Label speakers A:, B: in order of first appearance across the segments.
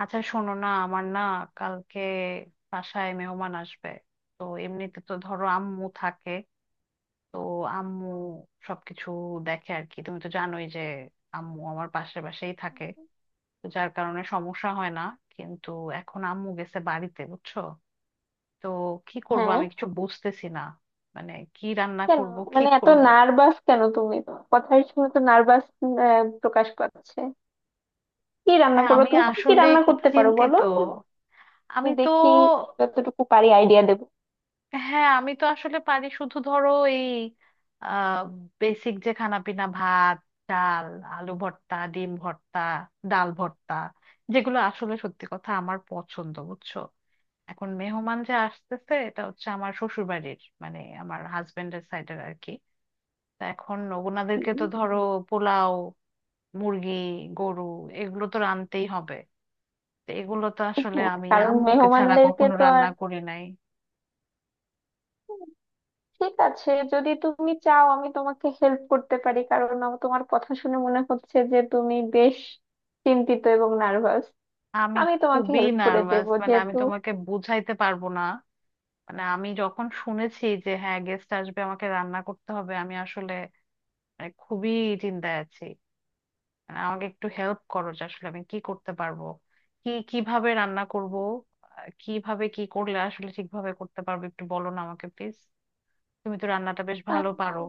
A: আচ্ছা শোনো না, আমার না কালকে বাসায় মেহমান আসবে। তো এমনিতে তো ধরো আম্মু থাকে, তো আম্মু সবকিছু দেখে আর কি। তুমি তো জানোই যে আম্মু আমার পাশে পাশেই থাকে, তো যার কারণে সমস্যা হয় না। কিন্তু এখন আম্মু গেছে বাড়িতে বুঝছো। তো কি করব
B: হ্যাঁ,
A: আমি কিছু বুঝতেছি না। মানে কি রান্না
B: কেন?
A: করব কি
B: মানে এত
A: করব।
B: নার্ভাস কেন? তুমি তো কথার শুনে তো নার্ভাস প্রকাশ পাচ্ছে। কি রান্না
A: হ্যাঁ,
B: করবো?
A: আমি
B: তুমি কি কি
A: আসলে
B: রান্না
A: খুব
B: করতে পারো বলো।
A: চিন্তিত। আমি
B: আমি
A: তো।
B: দেখি যতটুকু পারি আইডিয়া দেবো।
A: হ্যাঁ, আমি তো আসলে পারি শুধু ধরো এই বেসিক যে খানা পিনা, ভাত, ডাল, আলু ভর্তা, ডিম ভর্তা, ডাল ভর্তা, যেগুলো আসলে সত্যি কথা আমার পছন্দ বুঝছো। এখন মেহমান যে আসতেছে, এটা হচ্ছে আমার শ্বশুর বাড়ির, মানে আমার হাজবেন্ডের সাইডের আর কি। তা এখন ওনাদেরকে তো
B: হুম।
A: ধরো পোলাও, মুরগি, গরু, এগুলো তো রানতেই হবে। তো এগুলো তো আসলে
B: হ্যাঁ,
A: আমি
B: কারণ
A: আম্মুকে ছাড়া
B: মেহমানদেরকে
A: কখনো
B: তো আর
A: রান্না করি নাই।
B: ঠিক আছে, যদি তুমি চাও আমি তোমাকে হেল্প করতে পারি, কারণ আমার তোমার কথা শুনে মনে হচ্ছে যে তুমি বেশ চিন্তিত এবং নার্ভাস।
A: আমি
B: আমি তোমাকে
A: খুবই
B: হেল্প করে দেব
A: নার্ভাস, মানে আমি
B: যেহেতু।
A: তোমাকে বুঝাইতে পারবো না। মানে আমি যখন শুনেছি যে হ্যাঁ গেস্ট আসবে, আমাকে রান্না করতে হবে, আমি আসলে মানে খুবই চিন্তায় আছি। মানে আমাকে একটু হেল্প করো যে আসলে আমি কি করতে পারবো, কি কিভাবে রান্না করব। কিভাবে কি করলে আসলে ঠিকভাবে করতে পারবো একটু বলো না আমাকে প্লিজ। তুমি তো রান্নাটা বেশ ভালো পারো।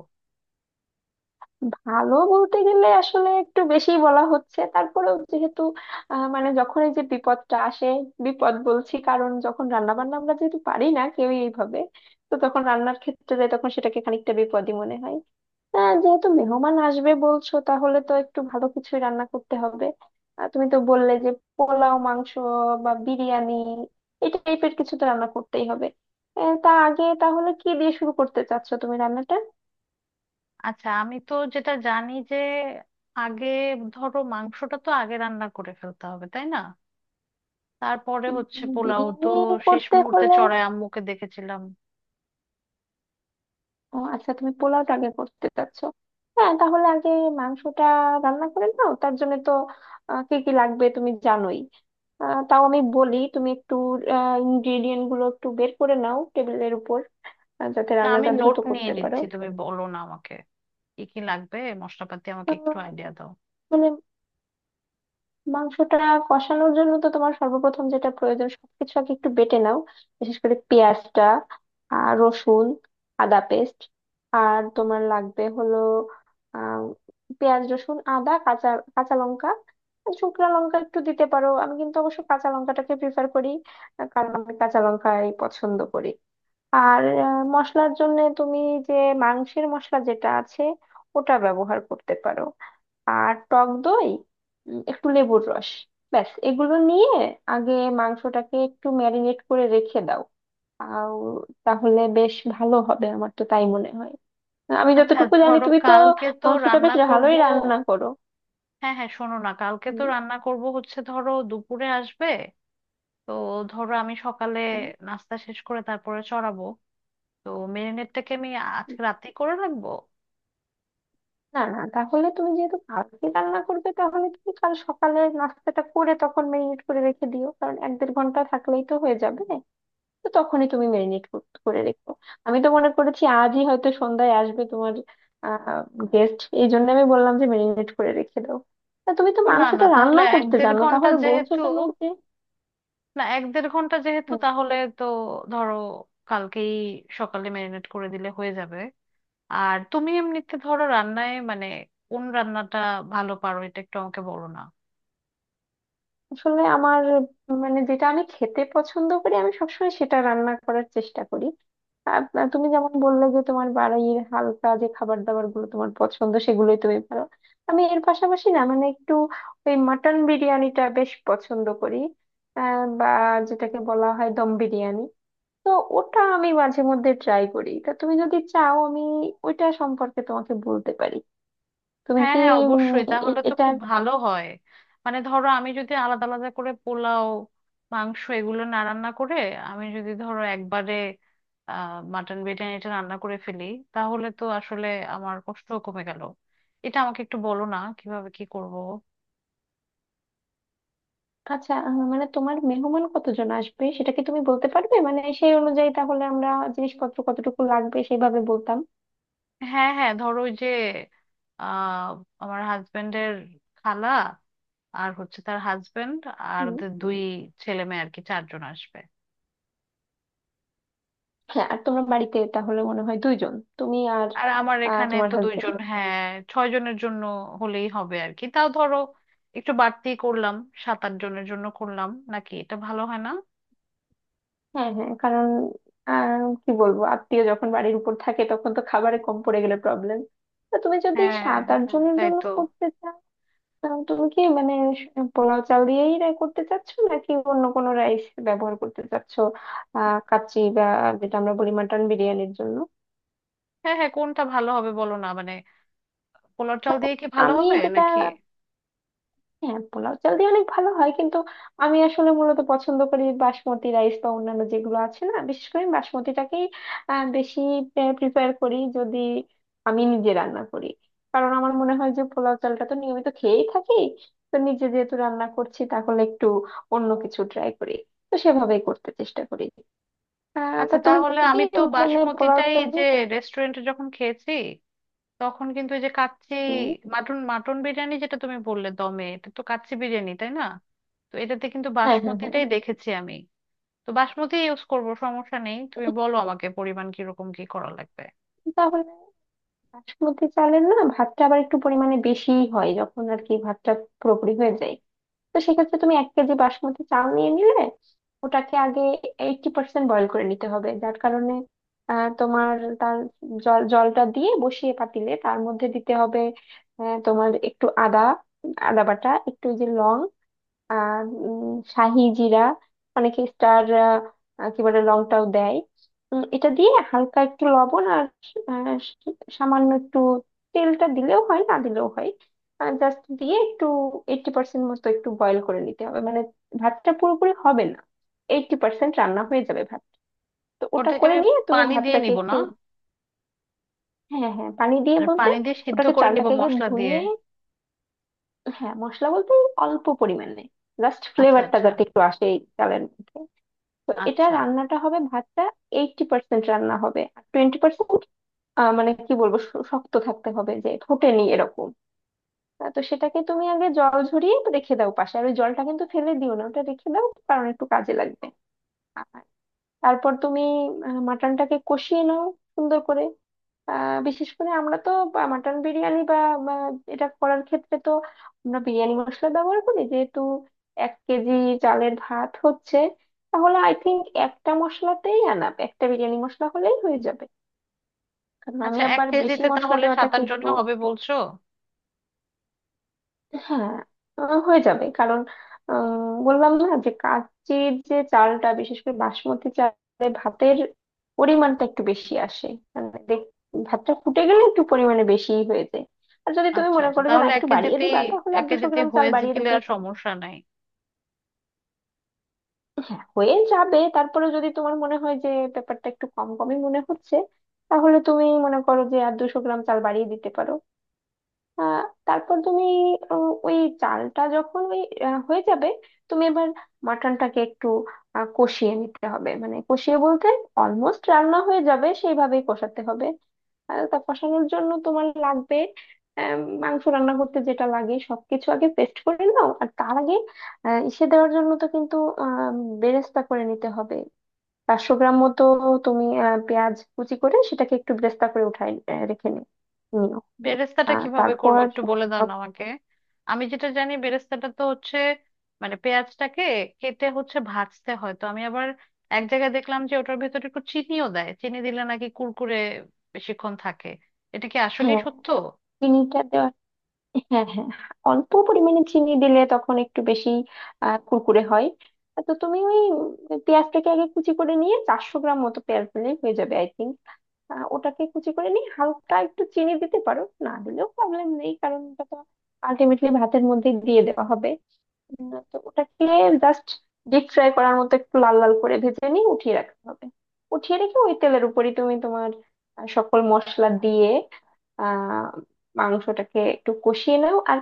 B: ভালো বলতে গেলে আসলে একটু বেশি বলা হচ্ছে। তারপরেও যেহেতু মানে যখন এই যে বিপদটা আসে, বিপদ বলছি কারণ যখন রান্না বান্না আমরা যেহেতু পারি না কেউই এইভাবে, তো তখন রান্নার ক্ষেত্রে যাই তখন সেটাকে খানিকটা বিপদই মনে হয়। যেহেতু মেহমান আসবে বলছো, তাহলে তো একটু ভালো কিছুই রান্না করতে হবে। তুমি তো বললে যে পোলাও মাংস বা বিরিয়ানি এই টাইপের কিছু তো রান্না করতেই হবে। তা আগে তাহলে কি দিয়ে শুরু করতে চাচ্ছো তুমি রান্নাটা?
A: আচ্ছা, আমি তো যেটা জানি যে আগে ধরো মাংসটা তো আগে রান্না করে ফেলতে হবে তাই না। তারপরে হচ্ছে
B: উম,
A: পোলাও তো
B: বিরিয়ানি
A: শেষ
B: করতে
A: মুহূর্তে
B: হলে
A: চড়াই আম্মুকে দেখেছিলাম।
B: ও আচ্ছা, তুমি পোলাওটা আগে করতে চাচ্ছো? হ্যাঁ, তাহলে আগে মাংসটা রান্না করে নাও, তার জন্য তো কি কি লাগবে তুমি জানোই। তাও আমি বলি, তুমি একটু ইনগ্রিডিয়েন্ট গুলো একটু বের করে নাও টেবিলের উপর, যাতে
A: না, আমি
B: রান্নাটা দ্রুত
A: নোট নিয়ে
B: করতে পারো।
A: নিচ্ছি, তুমি বলো না আমাকে কি কি লাগবে মশলাপাতি, আমাকে
B: আহ,
A: একটু আইডিয়া দাও।
B: মানে মাংসটা কষানোর জন্য তো তোমার সর্বপ্রথম যেটা প্রয়োজন সবকিছু আগে একটু বেটে নাও, বিশেষ করে পেঁয়াজটা, আর রসুন, আদা পেস্ট। আর তোমার লাগবে হলো আহ পেঁয়াজ, রসুন, আদা, কাঁচা কাঁচা লঙ্কা। শুকনো লঙ্কা একটু দিতে পারো, আমি কিন্তু অবশ্য কাঁচা লঙ্কাটাকে প্রিফার করি, কারণ আমি কাঁচা লঙ্কাই পছন্দ করি। আর মশলার জন্য তুমি যে মাংসের মশলা যেটা আছে ওটা ব্যবহার করতে পারো, আর টক দই, একটু লেবুর রস। ব্যাস, এগুলো নিয়ে আগে মাংসটাকে একটু ম্যারিনেট করে রেখে দাও। আও, তাহলে বেশ ভালো হবে, আমার তো তাই মনে হয়। আমি
A: আচ্ছা
B: যতটুকু জানি
A: ধরো
B: তুমি তো
A: কালকে তো
B: মাংসটা বেশ
A: রান্না করব।
B: ভালোই রান্না করো।
A: হ্যাঁ হ্যাঁ, শোনো না, কালকে তো
B: হুম।
A: রান্না করব হচ্ছে ধরো দুপুরে আসবে। তো ধরো আমি সকালে
B: হুম।
A: নাস্তা শেষ করে তারপরে চড়াবো। তো মেরিনেটটাকে আমি
B: হুম।
A: আজকে রাতেই করে রাখবো।
B: না না, তাহলে তুমি যেহেতু কালকে রান্না করবে, তাহলে তুমি কাল সকালে নাস্তাটা করে তখন ম্যারিনেট করে রেখে দিও, কারণ 1-1.5 ঘন্টা থাকলেই তো হয়ে যাবে। তো তখনই তুমি মেরিনেট করে রেখো। আমি তো মনে করেছি আজই হয়তো সন্ধ্যায় আসবে তোমার আহ গেস্ট, এই জন্য আমি বললাম যে মেরিনেট করে রেখে দাও। তা তুমি তো
A: ও না
B: মাংসটা
A: না, তাহলে
B: রান্না
A: এক
B: করতে
A: দেড়
B: জানো,
A: ঘন্টা
B: তাহলে বলছো
A: যেহেতু,
B: কেন যে
A: না এক দেড় ঘন্টা যেহেতু তাহলে তো ধরো কালকেই সকালে ম্যারিনেট করে দিলে হয়ে যাবে। আর তুমি এমনিতে ধরো রান্নায় মানে কোন রান্নাটা ভালো পারো এটা একটু আমাকে বলো না।
B: আসলে আমার মানে যেটা আমি খেতে পছন্দ করি আমি সবসময় সেটা রান্না করার চেষ্টা করি। আর তুমি যেমন বললে যে তোমার বাড়ির হালকা যে খাবার দাবার গুলো তোমার পছন্দ সেগুলোই তুমি পারো। আমি এর পাশাপাশি না মানে একটু ওই মাটন বিরিয়ানিটা বেশ পছন্দ করি, বা যেটাকে বলা হয় দম বিরিয়ানি, তো ওটা আমি মাঝে মধ্যে ট্রাই করি। তা তুমি যদি চাও আমি ওইটা সম্পর্কে তোমাকে বলতে পারি। তুমি
A: হ্যাঁ
B: কি
A: হ্যাঁ
B: উম,
A: অবশ্যই, তাহলে
B: এ-
A: তো
B: এটা
A: খুব ভালো হয়। মানে ধরো আমি যদি আলাদা আলাদা করে পোলাও, মাংস এগুলো না রান্না করে আমি যদি ধরো একবারে মাটন বিরিয়ানিটা রান্না করে ফেলি, তাহলে তো আসলে আমার কষ্ট কমে গেল। এটা আমাকে একটু বলো না কিভাবে কি করব।
B: আচ্ছা, মানে তোমার মেহমান কতজন আসবে সেটা কি তুমি বলতে পারবে? মানে সেই অনুযায়ী তাহলে আমরা জিনিসপত্র কতটুকু লাগবে সেইভাবে বলতাম।
A: হ্যাঁ হ্যাঁ, ধরো ওই যে আহ আমার হাজবেন্ডের খালা আর হচ্ছে তার হাজবেন্ড, আর
B: হুম।
A: ওদের দুই ছেলে মেয়ে আর কি, চারজন আসবে।
B: হ্যাঁ, আর তোমরা বাড়িতে তাহলে মনে হয় দুইজন, তুমি আর
A: আর আমার এখানে
B: তোমার
A: তো
B: হাজবেন্ড।
A: দুইজন, হ্যাঁ। ছয় জনের জন্য হলেই হবে আর কি, তাও ধরো একটু বাড়তি করলাম, সাত আট জনের জন্য করলাম নাকি, এটা ভালো হয় না?
B: হ্যাঁ হ্যাঁ, কারণ কি বলবো, আত্মীয় যখন বাড়ির উপর থাকে তখন তো খাবারে কম পড়ে গেলে প্রবলেম। তো তুমি যদি
A: হ্যাঁ
B: সাত আট
A: হ্যাঁ,
B: জনের
A: তাই
B: জন্য
A: তো।
B: করতে চাও তুমি কি মানে স- পোলাও চাল দিয়েই রাই করতে চাচ্ছ নাকি অন্য কোনো রাইস ব্যবহার করতে চাচ্ছ? কাচ্চি বা যেটা আমরা বলি মাটন বিরিয়ানির জন্য।
A: হ্যাঁ হ্যাঁ, কোনটা ভালো হবে বলো না, মানে পোলার চাল
B: মানে
A: দিয়ে কি ভালো
B: আমি
A: হবে
B: যেটা
A: নাকি।
B: হ্যাঁ, পোলাও চাল দিয়ে অনেক ভালো হয়, কিন্তু আমি আসলে মূলত পছন্দ করি বাসমতি রাইস বা অন্যান্য যেগুলো আছে, না বিশেষ করে আমি বাসমতিটাকেই বেশি প্রিপেয়ার করি যদি আমি নিজে রান্না করি, কারণ আমার মনে হয় যে পোলাও চালটা তো নিয়মিত খেয়েই থাকি, তো নিজে যেহেতু রান্না করছি তাহলে একটু অন্য কিছু ট্রাই করি, তো সেভাবেই করতে চেষ্টা করি। তা
A: আচ্ছা
B: তুমি
A: তাহলে
B: কি
A: আমি তো
B: মানে পোলাও
A: বাসমতিটাই
B: চাল
A: যে
B: দিয়ে
A: রেস্টুরেন্টে যখন খেয়েছি তখন কিন্তু, এই যে কাচ্চি
B: উম,
A: মাটন মাটন বিরিয়ানি যেটা তুমি বললে দমে, এটা তো কাচ্চি বিরিয়ানি তাই না। তো এটাতে কিন্তু
B: হ্যাঁ হ্যাঁ হ্যাঁ।
A: বাসমতিটাই দেখেছি আমি। তো বাসমতি ইউজ করব সমস্যা নেই, তুমি বলো আমাকে পরিমাণ কিরকম কি করা লাগবে।
B: তাহলে বাসমতি চালের না, ভাতটা আবার একটু পরিমাণে বেশি হয় যখন আর কি, ভাতটা পুরোপুরি হয়ে যায়। তো সেক্ষেত্রে তুমি 1 কেজি বাসমতি চাল নিয়ে নিলে ওটাকে আগে 80% বয়ল করে নিতে হবে, যার কারণে তোমার তার জলটা দিয়ে বসিয়ে পাতিলে তার মধ্যে দিতে হবে। তোমার একটু আদা আদা বাটা, একটু ওই যে লং, আহ উম, শাহি জিরা, অনেকে স্টার কি বলে, লংটাও দেয়। এটা দিয়ে হালকা একটু লবণ আর আহ, সামান্য একটু তেলটা দিলেও হয় না দিলেও হয়, জাস্ট দিয়ে একটু 80% মতো একটু বয়েল করে নিতে হবে, মানে ভাতটা পুরোপুরি হবে না, 80% রান্না হয়ে যাবে ভাত। তো ওটা
A: ওটাকে
B: করে
A: আমি
B: নিয়ে তুমি
A: পানি দিয়ে
B: ভাতটাকে
A: নিব
B: একটু
A: না?
B: হ্যাঁ হ্যাঁ, পানি দিয়ে
A: আর
B: বলতে,
A: পানি দিয়ে সিদ্ধ
B: ওটাকে
A: করে নিব
B: চালটাকে আগে
A: মশলা দিয়ে।
B: ধুয়ে হ্যাঁ, মশলা বলতে অল্প পরিমাণে জাস্ট
A: আচ্ছা
B: ফ্লেভারটা
A: আচ্ছা।
B: যাতে একটু আসে এই চালের মধ্যে। তো এটা
A: আচ্ছা
B: রান্নাটা হবে ভাতটা 80% রান্না হবে, আর 20% মানে কি বলবো শক্ত থাকতে হবে, যে ফোটেনি এরকম। তো সেটাকে তুমি আগে জল ঝরিয়ে রেখে দাও পাশে, আর ওই জলটা কিন্তু ফেলে দিও না, ওটা রেখে দাও কারণ একটু কাজে লাগবে। আর তারপর তুমি মাটনটাকে কষিয়ে নাও সুন্দর করে। বিশেষ করে আমরা তো মাটন বিরিয়ানি বা বা এটা করার ক্ষেত্রে তো আমরা বিরিয়ানি মশলা ব্যবহার করি যেহেতু। 1 কেজি চালের ভাত হচ্ছে, তাহলে আই থিঙ্ক একটা মশলাতেই আনাপ একটা বিরিয়ানি মশলা হলেই হয়ে যাবে, কারণ আমি
A: আচ্ছা, এক
B: আবার বেশি
A: কেজিতে
B: মশলা
A: তাহলে সাত
B: দেওয়াটাকে
A: আট জন
B: একটু
A: হবে বলছো?
B: হ্যাঁ, হয়ে যাবে কারণ আহ, বললাম না যে কাচির যে চালটা, বিশেষ করে বাসমতি চালে ভাতের পরিমাণটা একটু বেশি আসে। মানে ভাতটা ফুটে গেলে একটু পরিমাণে বেশি হয়ে যায়। আর যদি তুমি
A: আচ্ছা
B: মনে
A: আচ্ছা,
B: করো যে না
A: তাহলে এক
B: একটু বাড়িয়ে
A: কেজিতে
B: দিবা, তাহলে
A: এক
B: আর দুশো
A: কেজিতে
B: গ্রাম চাল
A: হয়ে
B: বাড়িয়ে
A: গেলে
B: দিতেই
A: আর
B: পারো।
A: সমস্যা নাই।
B: হ্যাঁ, হয়ে যাবে। তারপরে যদি তোমার মনে হয় যে ব্যাপারটা একটু কম কমই মনে হচ্ছে, তাহলে তুমি মনে করো যে আর 200 গ্রাম চাল বাড়িয়ে দিতে পারো। আহ, তারপর তুমি ওই চালটা যখন ওই হয়ে যাবে তুমি এবার মাটনটাকে একটু কষিয়ে নিতে হবে, মানে কষিয়ে বলতে অলমোস্ট রান্না হয়ে যাবে সেইভাবেই কষাতে হবে। আর তা কষানোর জন্য তোমার লাগবে আহ, মাংস রান্না করতে যেটা লাগে সবকিছু আগে পেস্ট করে নাও। আর তার আগে ইসে দেওয়ার জন্য তো কিন্তু আহ বেরেস্তা করে নিতে হবে। 400 গ্রাম মতো তুমি পেঁয়াজ কুচি করে সেটাকে একটু বেরেস্তা করে উঠাই রেখে নিও।
A: বেরেস্তাটা কিভাবে করবো
B: তারপর
A: একটু বলে দাও না আমাকে। আমি যেটা জানি বেরেস্তাটা তো হচ্ছে মানে পেঁয়াজটাকে কেটে হচ্ছে ভাজতে হয়, তো আমি আবার এক জায়গায় দেখলাম যে ওটার ভেতরে একটু চিনিও দেয়, চিনি দিলে নাকি কুরকুরে বেশিক্ষণ থাকে, এটা কি আসলেই
B: হ্যাঁ,
A: সত্য?
B: চিনিটা দেওয়া হ্যাঁ হ্যাঁ, অল্প পরিমাণে চিনি দিলে তখন একটু বেশি কুরকুরে হয়। তো তুমি ওই পেঁয়াজটাকে আগে কুচি করে নিয়ে 400 গ্রাম মতো পেঁয়াজ দিলেই হয়ে যাবে আই থিঙ্ক। ওটাকে কুচি করে নিয়ে হালকা একটু চিনি দিতে পারো, না দিলেও প্রবলেম নেই কারণ ওটা তো আলটিমেটলি ভাতের মধ্যে দিয়ে দেওয়া হবে। তো ওটাকে জাস্ট ডিপ ফ্রাই করার মতো একটু লাল লাল করে ভেজে নিয়ে উঠিয়ে রাখতে হবে। উঠিয়ে রেখে ওই তেলের উপরই তুমি তোমার সকল মশলা দিয়ে আহ মাংসটাকে একটু কষিয়ে নাও। আর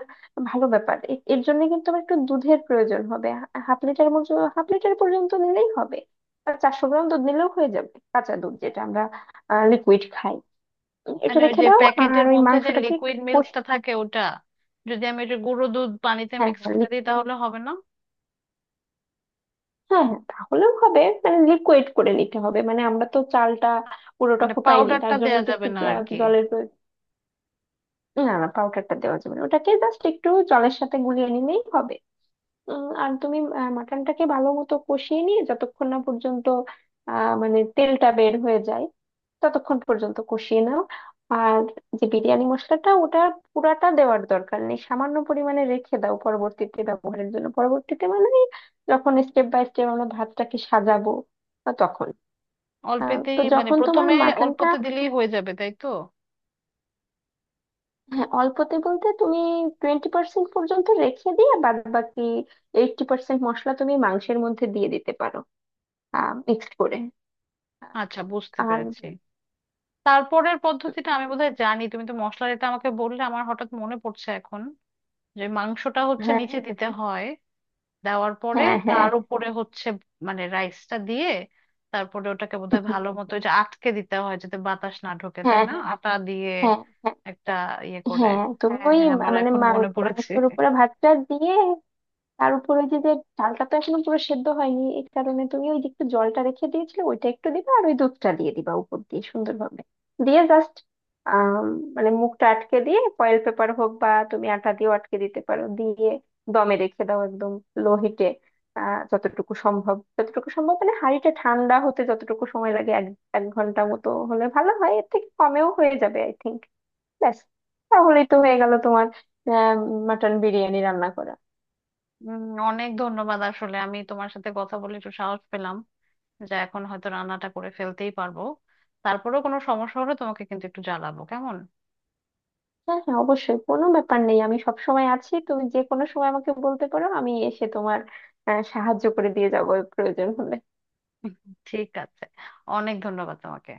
B: ভালো ব্যাপার এর জন্য কিন্তু আমার একটু দুধের প্রয়োজন হবে, হাফ লিটার মতো, হাফ লিটার পর্যন্ত নিলেই হবে। আর চারশো গ্রাম দুধ নিলেও হয়ে যাবে, কাঁচা দুধ যেটা আমরা লিকুইড খাই। এটা
A: মানে ওই
B: রেখে
A: যে
B: দাও আর
A: প্যাকেটের
B: ওই
A: মধ্যে যে
B: মাংসটাকে একটু
A: লিকুইড
B: কষি
A: মিল্কটা থাকে ওটা, যদি আমি ওই যে গুঁড়ো দুধ পানিতে
B: হ্যাঁ
A: মিক্স
B: হ্যাঁ
A: করে দিই তাহলে হবে না?
B: হ্যাঁ, হ্যাঁ তাহলেও হবে, মানে লিকুইড করে নিতে হবে, মানে আমরা তো চালটা পুরোটা
A: মানে
B: ফুটাইনি
A: পাউডারটা
B: তার জন্য
A: দেয়া
B: তো
A: যাবে
B: একটু
A: না আর কি।
B: জলের প্রয়োজন। না না, পাউডারটা দেওয়া যাবে না। ওটাকে জাস্ট একটু জলের সাথে গুলিয়ে নিলেই হবে। আর তুমি মাটনটাকে ভালো মতো কষিয়ে নিয়ে যতক্ষণ না পর্যন্ত মানে তেলটা বের হয়ে যায় ততক্ষণ পর্যন্ত কষিয়ে নাও। আর যে বিরিয়ানি মশলাটা ওটা পুরাটা দেওয়ার দরকার নেই, সামান্য পরিমাণে রেখে দাও পরবর্তীতে ব্যবহারের জন্য, পরবর্তীতে মানে যখন স্টেপ বাই স্টেপ আমরা ভাতটাকে সাজাবো তখন তো
A: অল্পেতেই, মানে
B: যখন তোমার
A: প্রথমে
B: মাটনটা
A: অল্পতে দিলেই হয়ে যাবে তাই তো?
B: হ্যাঁ, অল্পতে বলতে তুমি 20% পর্যন্ত রেখে দিয়ে বাদ বাকি 80% মশলা তুমি মাংসের মধ্যে দিয়ে দিতে পারো মিক্সড করে আহ,
A: আচ্ছা, বুঝতে
B: আর
A: পেরেছি। তারপরের পদ্ধতিটা আমি
B: আর-
A: বোধহয় জানি। তুমি তো মশলার এটা আমাকে বললে আমার হঠাৎ মনে পড়ছে এখন, যে মাংসটা হচ্ছে
B: হ্যাঁ
A: নিচে দিতে হয়, দেওয়ার পরে
B: হ্যাঁ হ্যাঁ,
A: তার
B: হ্যাঁ
A: উপরে হচ্ছে মানে রাইসটা দিয়ে, তারপরে ওটাকে বোধহয় ভালো মতো ওই যে আটকে দিতে হয় যাতে বাতাস না ঢোকে তাই না, আটা দিয়ে
B: হ্যাঁ হ্যাঁ, হ্যাঁ
A: একটা ইয়ে করে।
B: হ্যাঁ, তুমি
A: হ্যাঁ
B: ওই
A: হ্যাঁ, আমার
B: মানে
A: এখন মনে পড়েছে।
B: মাংসের উপরে ভাতটা দিয়ে তার উপরে যে যে চালটা তো এখনো পুরো সেদ্ধ হয়নি এই কারণে তুমি ওই যে একটু জলটা রেখে দিয়েছিলে ওইটা একটু দিবা, আর ওই দুধটা দিয়ে দিবা উপর দিয়ে সুন্দরভাবে দিয়ে জাস্ট আহ মানে মুখটা আটকে দিয়ে ফয়েল পেপার হোক বা তুমি আটা দিয়েও আটকে দিতে পারো দিয়ে দমে রেখে দাও একদম লো হিটে। যতটুকু সম্ভব যতটুকু সম্ভব মানে হাঁড়িটা ঠান্ডা হতে যতটুকু সময় লাগে এক 1 ঘন্টা মতো হলে ভালো হয়, এর থেকে কমেও হয়ে যাবে আই থিঙ্ক। ব্যাস, তাহলেই তো হয়ে গেল তোমার মাটন বিরিয়ানি রান্না করা।
A: উম, অনেক ধন্যবাদ, আসলে আমি তোমার সাথে কথা বলে একটু সাহস পেলাম যে এখন হয়তো রান্নাটা করে ফেলতেই পারবো। তারপরেও কোনো সমস্যা হলে তোমাকে কিন্তু একটু জানাবো, কেমন?
B: হ্যাঁ হ্যাঁ, অবশ্যই কোনো ব্যাপার নেই, আমি সব সময় আছি তুমি যে কোনো সময় আমাকে বলতে পারো, আমি এসে তোমার সাহায্য করে দিয়ে যাবো প্রয়োজন হলে।
A: ঠিক আছে, অনেক ধন্যবাদ তোমাকে।